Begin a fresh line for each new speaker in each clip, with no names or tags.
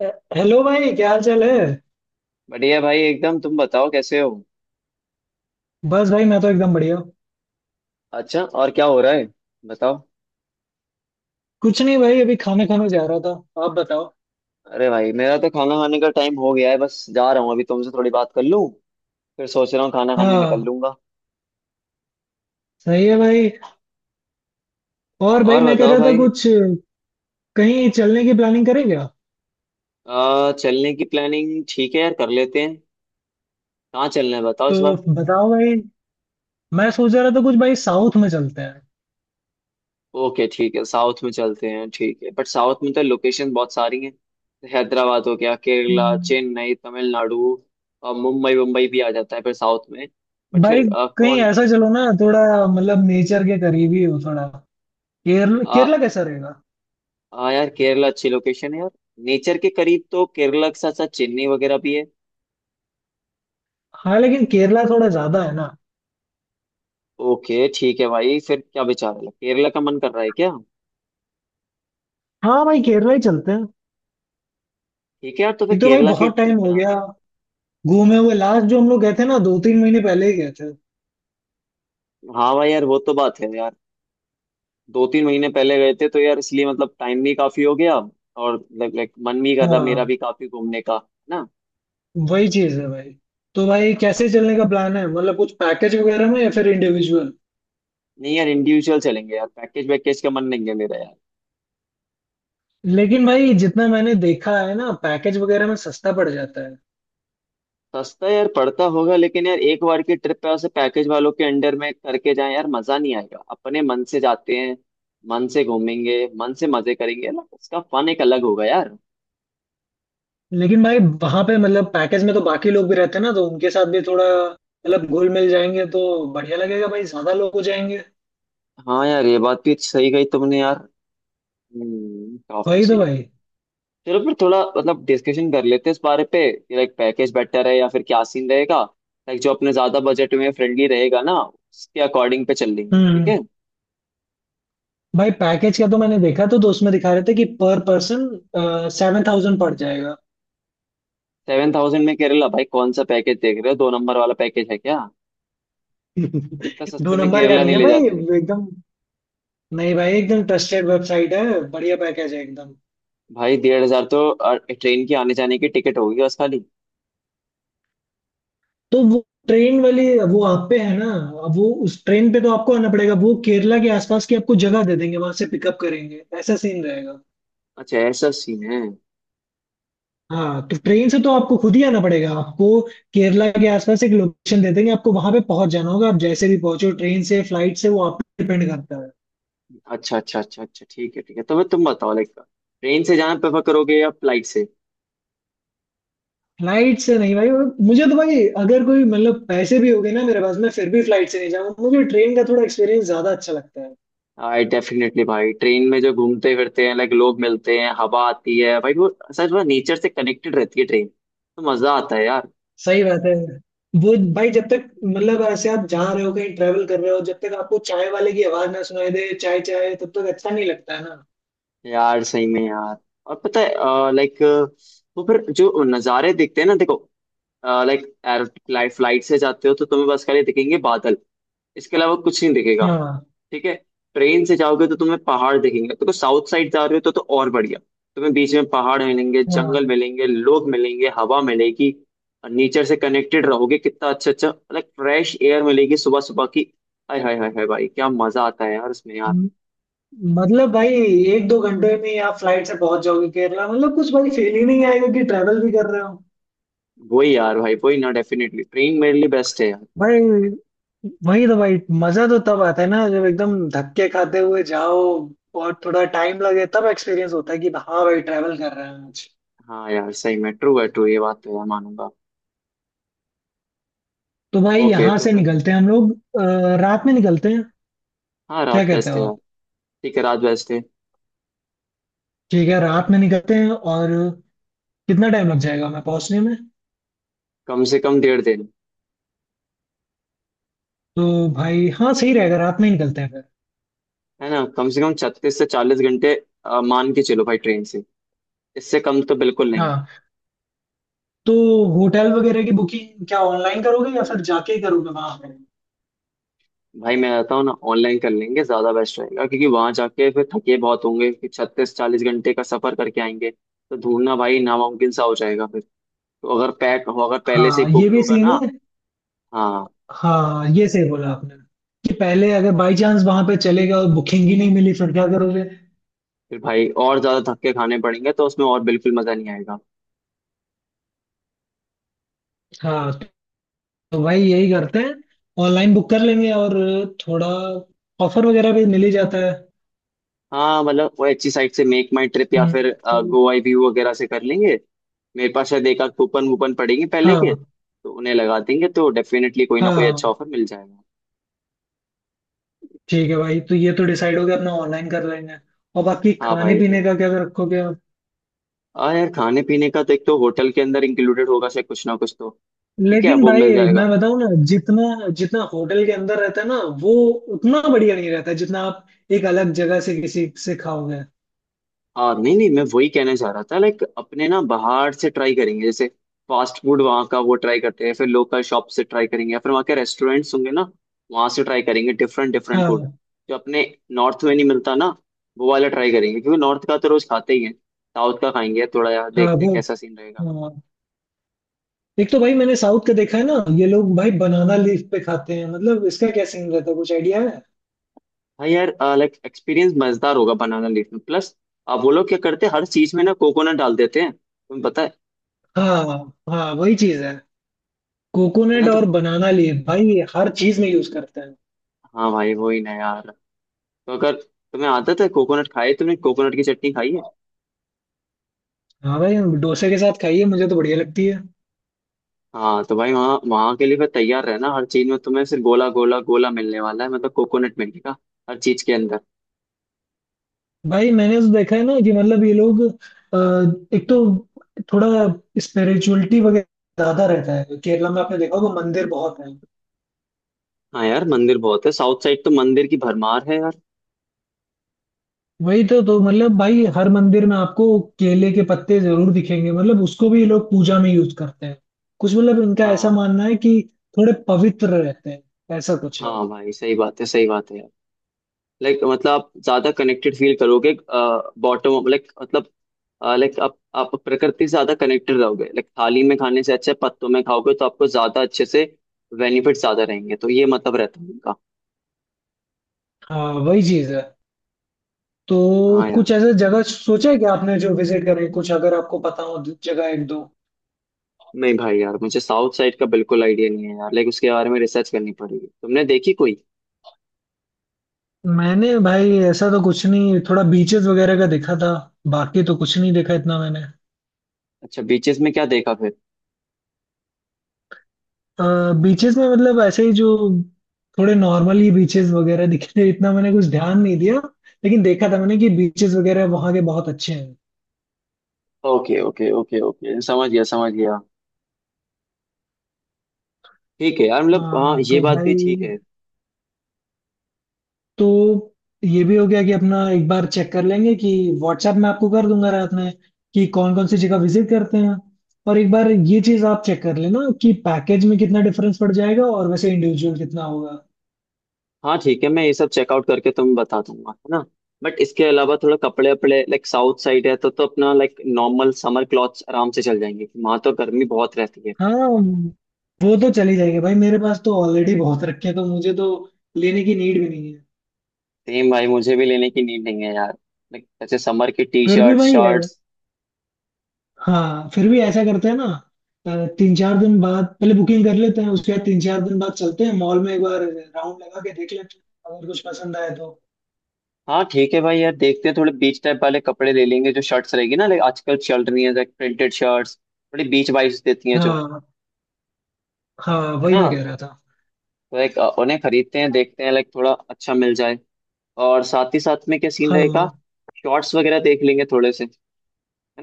अ- hello भाई, क्या हाल चाल है।
बढ़िया भाई एकदम। तुम बताओ कैसे हो।
बस भाई, मैं तो एकदम बढ़िया हूँ।
अच्छा और क्या हो रहा है, बताओ।
कुछ नहीं भाई, अभी खाना खाने जा रहा था। आप बताओ।
अरे भाई मेरा तो खाना खाने का टाइम हो गया है, बस जा रहा हूँ अभी तुमसे थोड़ी बात कर लूँ। फिर सोच रहा हूँ खाना खाने निकल
हाँ,
लूंगा।
सही है भाई। और भाई
और
मैं कह
बताओ
रहा था
भाई।
कुछ, कहीं चलने की प्लानिंग करें क्या।
चलने की प्लानिंग ठीक है यार, कर लेते हैं। कहाँ चलना है बताओ
तो
इस बार।
बताओ भाई, मैं सोच रहा था कुछ भाई, साउथ में चलते हैं।
ओके ठीक है साउथ में चलते हैं, ठीक है बट साउथ में तो लोकेशन बहुत सारी हैं। हैदराबाद हो गया, केरला,
हम्म।
चेन्नई, तमिलनाडु और मुंबई, मुंबई भी आ जाता है फिर साउथ में। बट
भाई
फिर
कहीं
कौन।
ऐसा चलो ना थोड़ा, मतलब नेचर के करीब ही हो थोड़ा। केरला, केरला कैसा रहेगा।
हाँ यार केरला अच्छी लोकेशन है यार। नेचर के करीब तो केरला के साथ साथ चेन्नई वगैरह भी है।
हाँ लेकिन केरला थोड़ा ज्यादा है ना।
ओके ठीक है भाई, फिर क्या विचार है, केरला का मन कर रहा है क्या।
हाँ भाई, केरला ही चलते हैं।
ठीक है यार तो फिर
एक तो भाई
केरला की
बहुत
ट्रिप
टाइम हो गया
बनाते हैं।
घूमे हुए, लास्ट जो हम लोग गए थे ना 2 3 महीने पहले ही गए थे।
हाँ भाई यार वो तो बात है यार। दो तीन महीने पहले गए थे तो यार, इसलिए मतलब टाइम भी काफी हो गया। और लाइक लाइक मन भी कर रहा, मेरा
हाँ
भी काफी घूमने का है ना।
वही चीज है भाई। तो भाई कैसे चलने का प्लान है, मतलब कुछ पैकेज वगैरह में या फिर इंडिविजुअल।
नहीं यार इंडिविजुअल चलेंगे यार, पैकेज वैकेज का मन नहीं है मेरा यार।
लेकिन भाई जितना मैंने देखा है ना, पैकेज वगैरह में सस्ता पड़ जाता है।
सस्ता यार पड़ता होगा लेकिन यार एक बार की ट्रिप पे ऐसे पैकेज वालों के अंडर में करके जाएं यार मजा नहीं आएगा, अपने मन से जाते हैं। मन से घूमेंगे, मन से मजे करेंगे ना उसका फन एक अलग होगा यार।
लेकिन भाई वहां पे मतलब पैकेज में तो बाकी लोग भी रहते हैं ना, तो उनके साथ भी थोड़ा मतलब घुल मिल जाएंगे, तो बढ़िया लगेगा भाई, ज्यादा लोग हो जाएंगे।
हाँ यार ये बात भी सही गई तुमने यार। काफी
वही तो
सही यार।
भाई।
चलो फिर थोड़ा मतलब डिस्कशन कर लेते हैं इस बारे पे कि लाइक पैकेज बेटर है या फिर क्या सीन रहेगा। लाइक जो अपने ज्यादा बजट में फ्रेंडली रहेगा ना उसके अकॉर्डिंग पे चल लेंगे, ठीक
हम्म।
है।
भाई पैकेज का तो मैंने देखा तो उसमें दिखा रहे थे कि पर पर्सन 7,000 पड़ जाएगा।
7,000 में केरला भाई, कौन सा पैकेज देख रहे हो, दो नंबर वाला पैकेज है क्या। इतना
दो
सस्ते में
नंबर का
केरला
नहीं
नहीं
है
ले
भाई,
जाते।
एकदम। नहीं भाई, एकदम ट्रस्टेड वेबसाइट है। बढ़िया पैकेज है एकदम।
भाई 1,500 तो ट्रेन की आने जाने की टिकट होगी बस खाली।
तो वो ट्रेन वाली, वो आप पे है ना। अब वो उस ट्रेन पे तो आपको आना पड़ेगा, वो केरला के आसपास की आपको जगह दे देंगे, वहां से पिकअप करेंगे, ऐसा सीन रहेगा।
अच्छा ऐसा सीन है।
हाँ तो ट्रेन से तो आपको खुद ही आना पड़ेगा आपको। केरला के आसपास एक लोकेशन दे देंगे आपको, वहां पे पहुंच जाना होगा, आप जैसे भी पहुंचो, ट्रेन से फ्लाइट से, वो आप पे डिपेंड करता है।
अच्छा अच्छा अच्छा अच्छा ठीक है ठीक है। तो मैं तुम बताओ लाइक ट्रेन से जाना प्रेफर करोगे या फ्लाइट से।
फ्लाइट से नहीं भाई। मुझे तो भाई अगर कोई मतलब पैसे भी हो गए ना मेरे पास, मैं फिर भी फ्लाइट से नहीं जाऊंगा, मुझे ट्रेन का थोड़ा एक्सपीरियंस ज्यादा अच्छा लगता है।
आई डेफिनेटली भाई ट्रेन में जो घूमते फिरते हैं लाइक लोग मिलते हैं, हवा आती है भाई, वो सच में नेचर से कनेक्टेड रहती है ट्रेन, तो मजा आता है यार।
सही बात है। वो भाई जब तक मतलब ऐसे आप जा रहे हो कहीं, ट्रेवल कर रहे हो, जब तक आपको चाय वाले की आवाज ना सुनाई दे चाय चाय, तब तक अच्छा नहीं लगता है ना।
यार सही में यार। और पता है लाइक वो फिर जो नज़ारे दिखते हैं ना, देखो लाइक एयर, फ्लाइट से जाते हो तो तुम्हें बस खाली दिखेंगे बादल, इसके अलावा कुछ नहीं दिखेगा।
हाँ।
ठीक है। ट्रेन से जाओगे तो तुम्हें पहाड़ दिखेंगे, तो साउथ साइड जा रहे हो तो और बढ़िया। तुम्हें बीच में पहाड़ मिलेंगे,
हाँ।
जंगल मिलेंगे, लोग मिलेंगे, हवा मिलेगी और नेचर से कनेक्टेड रहोगे, कितना अच्छा अच्छा लाइक फ्रेश एयर मिलेगी सुबह सुबह की। हाय हाय हाय हाय भाई क्या मजा आता है यार उसमें यार।
म- मतलब भाई 1 2 घंटे में ही आप फ्लाइट से पहुंच जाओगे केरला, मतलब कुछ भाई फील ही नहीं आएगा कि ट्रेवल भी कर रहे हो।
वही यार भाई वही ना, डेफिनेटली ट्रेन मेरे लिए बेस्ट है यार।
भाई वही तो भाई, मजा तो तब आता है ना जब एकदम धक्के खाते हुए जाओ और थोड़ा टाइम लगे, तब एक्सपीरियंस होता है कि हाँ भाई ट्रैवल कर रहे हैं आज।
हाँ यार सही में ट्रू है, ट्रू ये बात तो यार मानूंगा।
तो भाई
ओके
यहाँ
तो
से
फिर।
निकलते हैं हम लोग, रात में निकलते हैं,
हाँ
क्या
रात
कहते
बेस्ट
हो
है यार।
आप।
ठीक है रात बेस्ट है।
ठीक है, रात में निकलते हैं और कितना टाइम लग जाएगा हमें पहुंचने में।
कम से कम 1.5 दिन।
तो भाई हाँ, सही रहेगा, रात में ही निकलते हैं फिर।
है ना, कम से कम 36 से 40 घंटे मान के चलो भाई ट्रेन से, इससे कम तो बिल्कुल नहीं।
हाँ। तो होटल वगैरह की बुकिंग क्या ऑनलाइन करोगे या फिर जाके ही करोगे वहां पे।
भाई मैं रहता हूँ ना, ऑनलाइन कर लेंगे ज्यादा बेस्ट रहेगा क्योंकि वहां जाके फिर थके बहुत होंगे कि 36 40 घंटे का सफर करके आएंगे तो ढूंढना भाई नामुमकिन सा हो जाएगा फिर। तो अगर पैक हो, अगर पहले से
हाँ
ही
ये
बुक्ड
भी
होगा
सीन
ना।
है।
हाँ।
हाँ ये सही बोला आपने, कि पहले अगर बाई चांस वहां पे चले गए और बुकिंग ही नहीं मिली फिर क्या करोगे।
फिर भाई और ज्यादा धक्के खाने पड़ेंगे तो उसमें और बिल्कुल मजा नहीं आएगा।
हाँ तो भाई यही करते हैं, ऑनलाइन बुक कर लेंगे, और थोड़ा ऑफर वगैरह भी मिल ही जाता है।
हाँ मतलब वो अच्छी साइट से मेक माई ट्रिप या
हम्म।
फिर
तो
गो आई व्यू वगैरह से कर लेंगे। मेरे पास शायद एक आध कूपन वूपन पड़ेंगे पहले के
हाँ,
तो उन्हें लगा देंगे तो डेफिनेटली कोई ना
हाँ
कोई अच्छा
हाँ,
ऑफर मिल जाएगा।
ठीक है भाई। तो ये तो डिसाइड हो गया अपना, ऑनलाइन कर लेंगे और बाकी
हाँ
खाने
भाई ठीक
पीने
है।
का क्या रखोगे आप।
हाँ यार खाने पीने का तो एक तो होटल के अंदर इंक्लूडेड होगा शायद कुछ ना कुछ तो। ठीक है
लेकिन
वो मिल
भाई मैं
जाएगा।
बताऊं ना, जितना जितना होटल के अंदर रहता है ना वो उतना बढ़िया नहीं रहता, जितना आप एक अलग जगह से किसी से खाओगे।
हाँ नहीं नहीं मैं वही कहना चाह रहा था लाइक अपने ना बाहर से ट्राई करेंगे, जैसे फास्ट फूड वहाँ का वो ट्राई करते हैं, फिर लोकल शॉप से ट्राई करेंगे या फिर वहाँ के रेस्टोरेंट्स होंगे ना, वहाँ से ट्राई करेंगे डिफरेंट डिफरेंट फूड
हाँ।
जो अपने नॉर्थ में नहीं मिलता ना, वो वाला ट्राई करेंगे क्योंकि नॉर्थ का तो रोज खाते ही हैं। साउथ का खाएंगे थोड़ा यार,
हाँ।
देखते हैं
वो।
कैसा सीन रहेगा।
हाँ एक तो भाई मैंने साउथ का देखा है ना, ये लोग भाई बनाना लीफ पे खाते हैं, मतलब इसका क्या सीन रहता है, कुछ आइडिया है।
हाँ यार लाइक एक्सपीरियंस मजेदार होगा बनाना लीफ में प्लस, आप वो लोग क्या करते हैं हर चीज में ना कोकोनट डाल देते हैं, तुम्हें पता है।
हाँ। हाँ वही चीज है,
है ना
कोकोनट
तो,
और बनाना लीफ भाई हर चीज में यूज करते हैं।
हाँ भाई वही ना यार, तो अगर तुम्हें आदत है कोकोनट, खाई तुमने कोकोनट की चटनी खाई है।
हाँ भाई डोसे के साथ खाइए, मुझे तो बढ़िया लगती है।
हाँ तो भाई वहाँ वहाँ के लिए फिर तैयार रहना, हर चीज में तुम्हें सिर्फ गोला गोला गोला मिलने वाला है, मतलब कोकोनट मिलेगा हर चीज के अंदर।
भाई मैंने तो देखा है ना कि मतलब ये लोग, एक तो थोड़ा स्पिरिचुअलिटी वगैरह ज्यादा रहता है केरला में, आपने देखा होगा मंदिर बहुत है।
हाँ यार मंदिर बहुत है, साउथ साइड तो मंदिर की भरमार है यार।
वही तो मतलब भाई हर मंदिर में आपको केले के पत्ते जरूर दिखेंगे, मतलब उसको भी ये लोग पूजा में यूज करते हैं, कुछ मतलब इनका ऐसा
हाँ,
मानना है कि थोड़े पवित्र रहते हैं, ऐसा कुछ है।
हाँ भाई सही बात है यार। लाइक मतलब आप ज्यादा कनेक्टेड फील करोगे बॉटम, लाइक मतलब लाइक आप प्रकृति से ज्यादा कनेक्टेड रहोगे, लाइक थाली में खाने से अच्छा है, पत्तों में खाओगे तो आपको ज्यादा अच्छे से बेनिफिट ज्यादा रहेंगे तो ये मतलब रहता है उनका।
हाँ वही चीज है। तो
हाँ
कुछ
यार।
ऐसा जगह सोचा है कि आपने जो विजिट करें कुछ, अगर आपको पता हो जगह एक दो।
नहीं भाई यार मुझे साउथ साइड का बिल्कुल आइडिया नहीं है यार, लाइक उसके बारे में रिसर्च करनी पड़ेगी, तुमने देखी कोई।
मैंने भाई ऐसा तो कुछ नहीं, थोड़ा बीचेस वगैरह का देखा था, बाकी तो कुछ नहीं देखा इतना मैंने।
अच्छा बीचेस में क्या देखा फिर।
बीचेस में मतलब ऐसे ही जो थोड़े नॉर्मल ही बीचेस वगैरह दिखे थे, इतना मैंने कुछ ध्यान नहीं दिया, लेकिन देखा था मैंने कि बीचेस वगैरह वहाँ के बहुत अच्छे हैं।
ओके ओके ओके ओके समझ गया समझ गया। ठीक है यार मतलब हाँ ये
तो
बात भी ठीक
भाई,
है।
तो ये भी हो गया कि अपना एक बार चेक कर लेंगे कि, व्हाट्सएप में आपको कर दूंगा रात में कि कौन कौन सी जगह विजिट करते हैं, और एक बार ये चीज आप चेक कर लेना कि पैकेज में कितना डिफरेंस पड़ जाएगा और वैसे इंडिविजुअल कितना होगा।
हाँ ठीक है मैं ये सब चेकआउट करके तुम्हें बता दूंगा है ना। बट इसके अलावा थोड़ा कपड़े वपड़े लाइक साउथ साइड है तो अपना लाइक नॉर्मल समर क्लॉथ्स आराम से चल जाएंगे, वहां तो गर्मी बहुत रहती है।
हाँ वो तो चली जाएगी भाई, मेरे पास तो ऑलरेडी बहुत रखे हैं, तो मुझे तो लेने की नीड भी नहीं है।
सेम भाई मुझे भी लेने की नीड नहीं है यार, लाइक जैसे समर की टी
फिर भी
शर्ट
वही है।
शर्ट्स।
हाँ फिर भी ऐसा करते हैं ना। अ, 3 4 दिन बाद पहले बुकिंग कर लेते हैं, उसके बाद 3 4 दिन बाद चलते हैं मॉल में, एक बार राउंड लगा के देख लेते हैं अगर कुछ पसंद आए तो।
हाँ ठीक है भाई यार, देखते हैं थोड़े बीच टाइप वाले कपड़े ले लेंगे, जो शर्ट्स रहेगी ना लाइक आजकल चल रही है लाइक प्रिंटेड शर्ट्स थोड़ी बीच वाइब्स देती हैं, जो
हाँ। हाँ
है
वही
ना
मैं कह रहा था।
तो लाइक उन्हें खरीदते हैं, देखते हैं लाइक थोड़ा अच्छा मिल जाए। और साथ ही साथ में क्या सीन रहेगा,
हाँ।
शॉर्ट्स वगैरह देख लेंगे थोड़े से है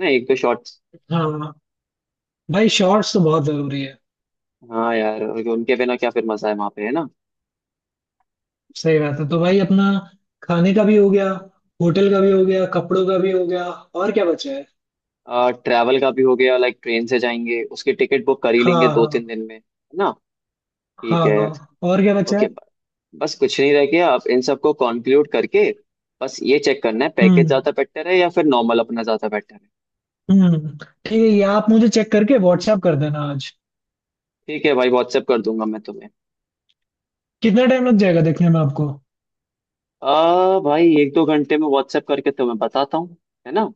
ना, एक दो शॉर्ट्स।
हाँ भाई शॉर्ट्स तो बहुत जरूरी है।
हाँ यार उनके बिना क्या फिर मजा है वहाँ पे, है ना।
सही बात है। तो भाई अपना खाने का भी हो गया, होटल का भी हो गया, कपड़ों का भी हो गया, और क्या बचा है।
ट्रैवल का भी हो गया, लाइक ट्रेन से जाएंगे, उसकी टिकट बुक कर ही
हाँ
लेंगे दो तीन
हाँ।
दिन में है ना। ठीक
हाँ
है।
हाँ और क्या बचा
ओके।
है।
बस कुछ नहीं रह गया, आप इन सबको कॉन्क्लूड करके बस ये चेक करना है पैकेज
हम्म।
ज्यादा बेटर है या फिर नॉर्मल अपना ज्यादा बेटर है।
हम्म, ठीक है, ये आप मुझे चेक करके व्हाट्सएप कर देना आज।
ठीक है भाई व्हाट्सएप कर दूंगा मैं तुम्हें।
कितना टाइम लग जाएगा देखने में आपको।
आ भाई एक दो घंटे में व्हाट्सएप करके तुम्हें बताता हूँ, है ना।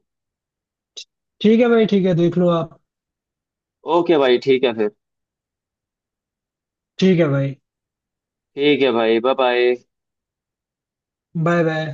ठीक है भाई, ठीक है, देख लो आप।
ओके भाई ठीक है फिर।
ठीक है भाई।
ठीक है भाई बाय बाय।
Bye bye.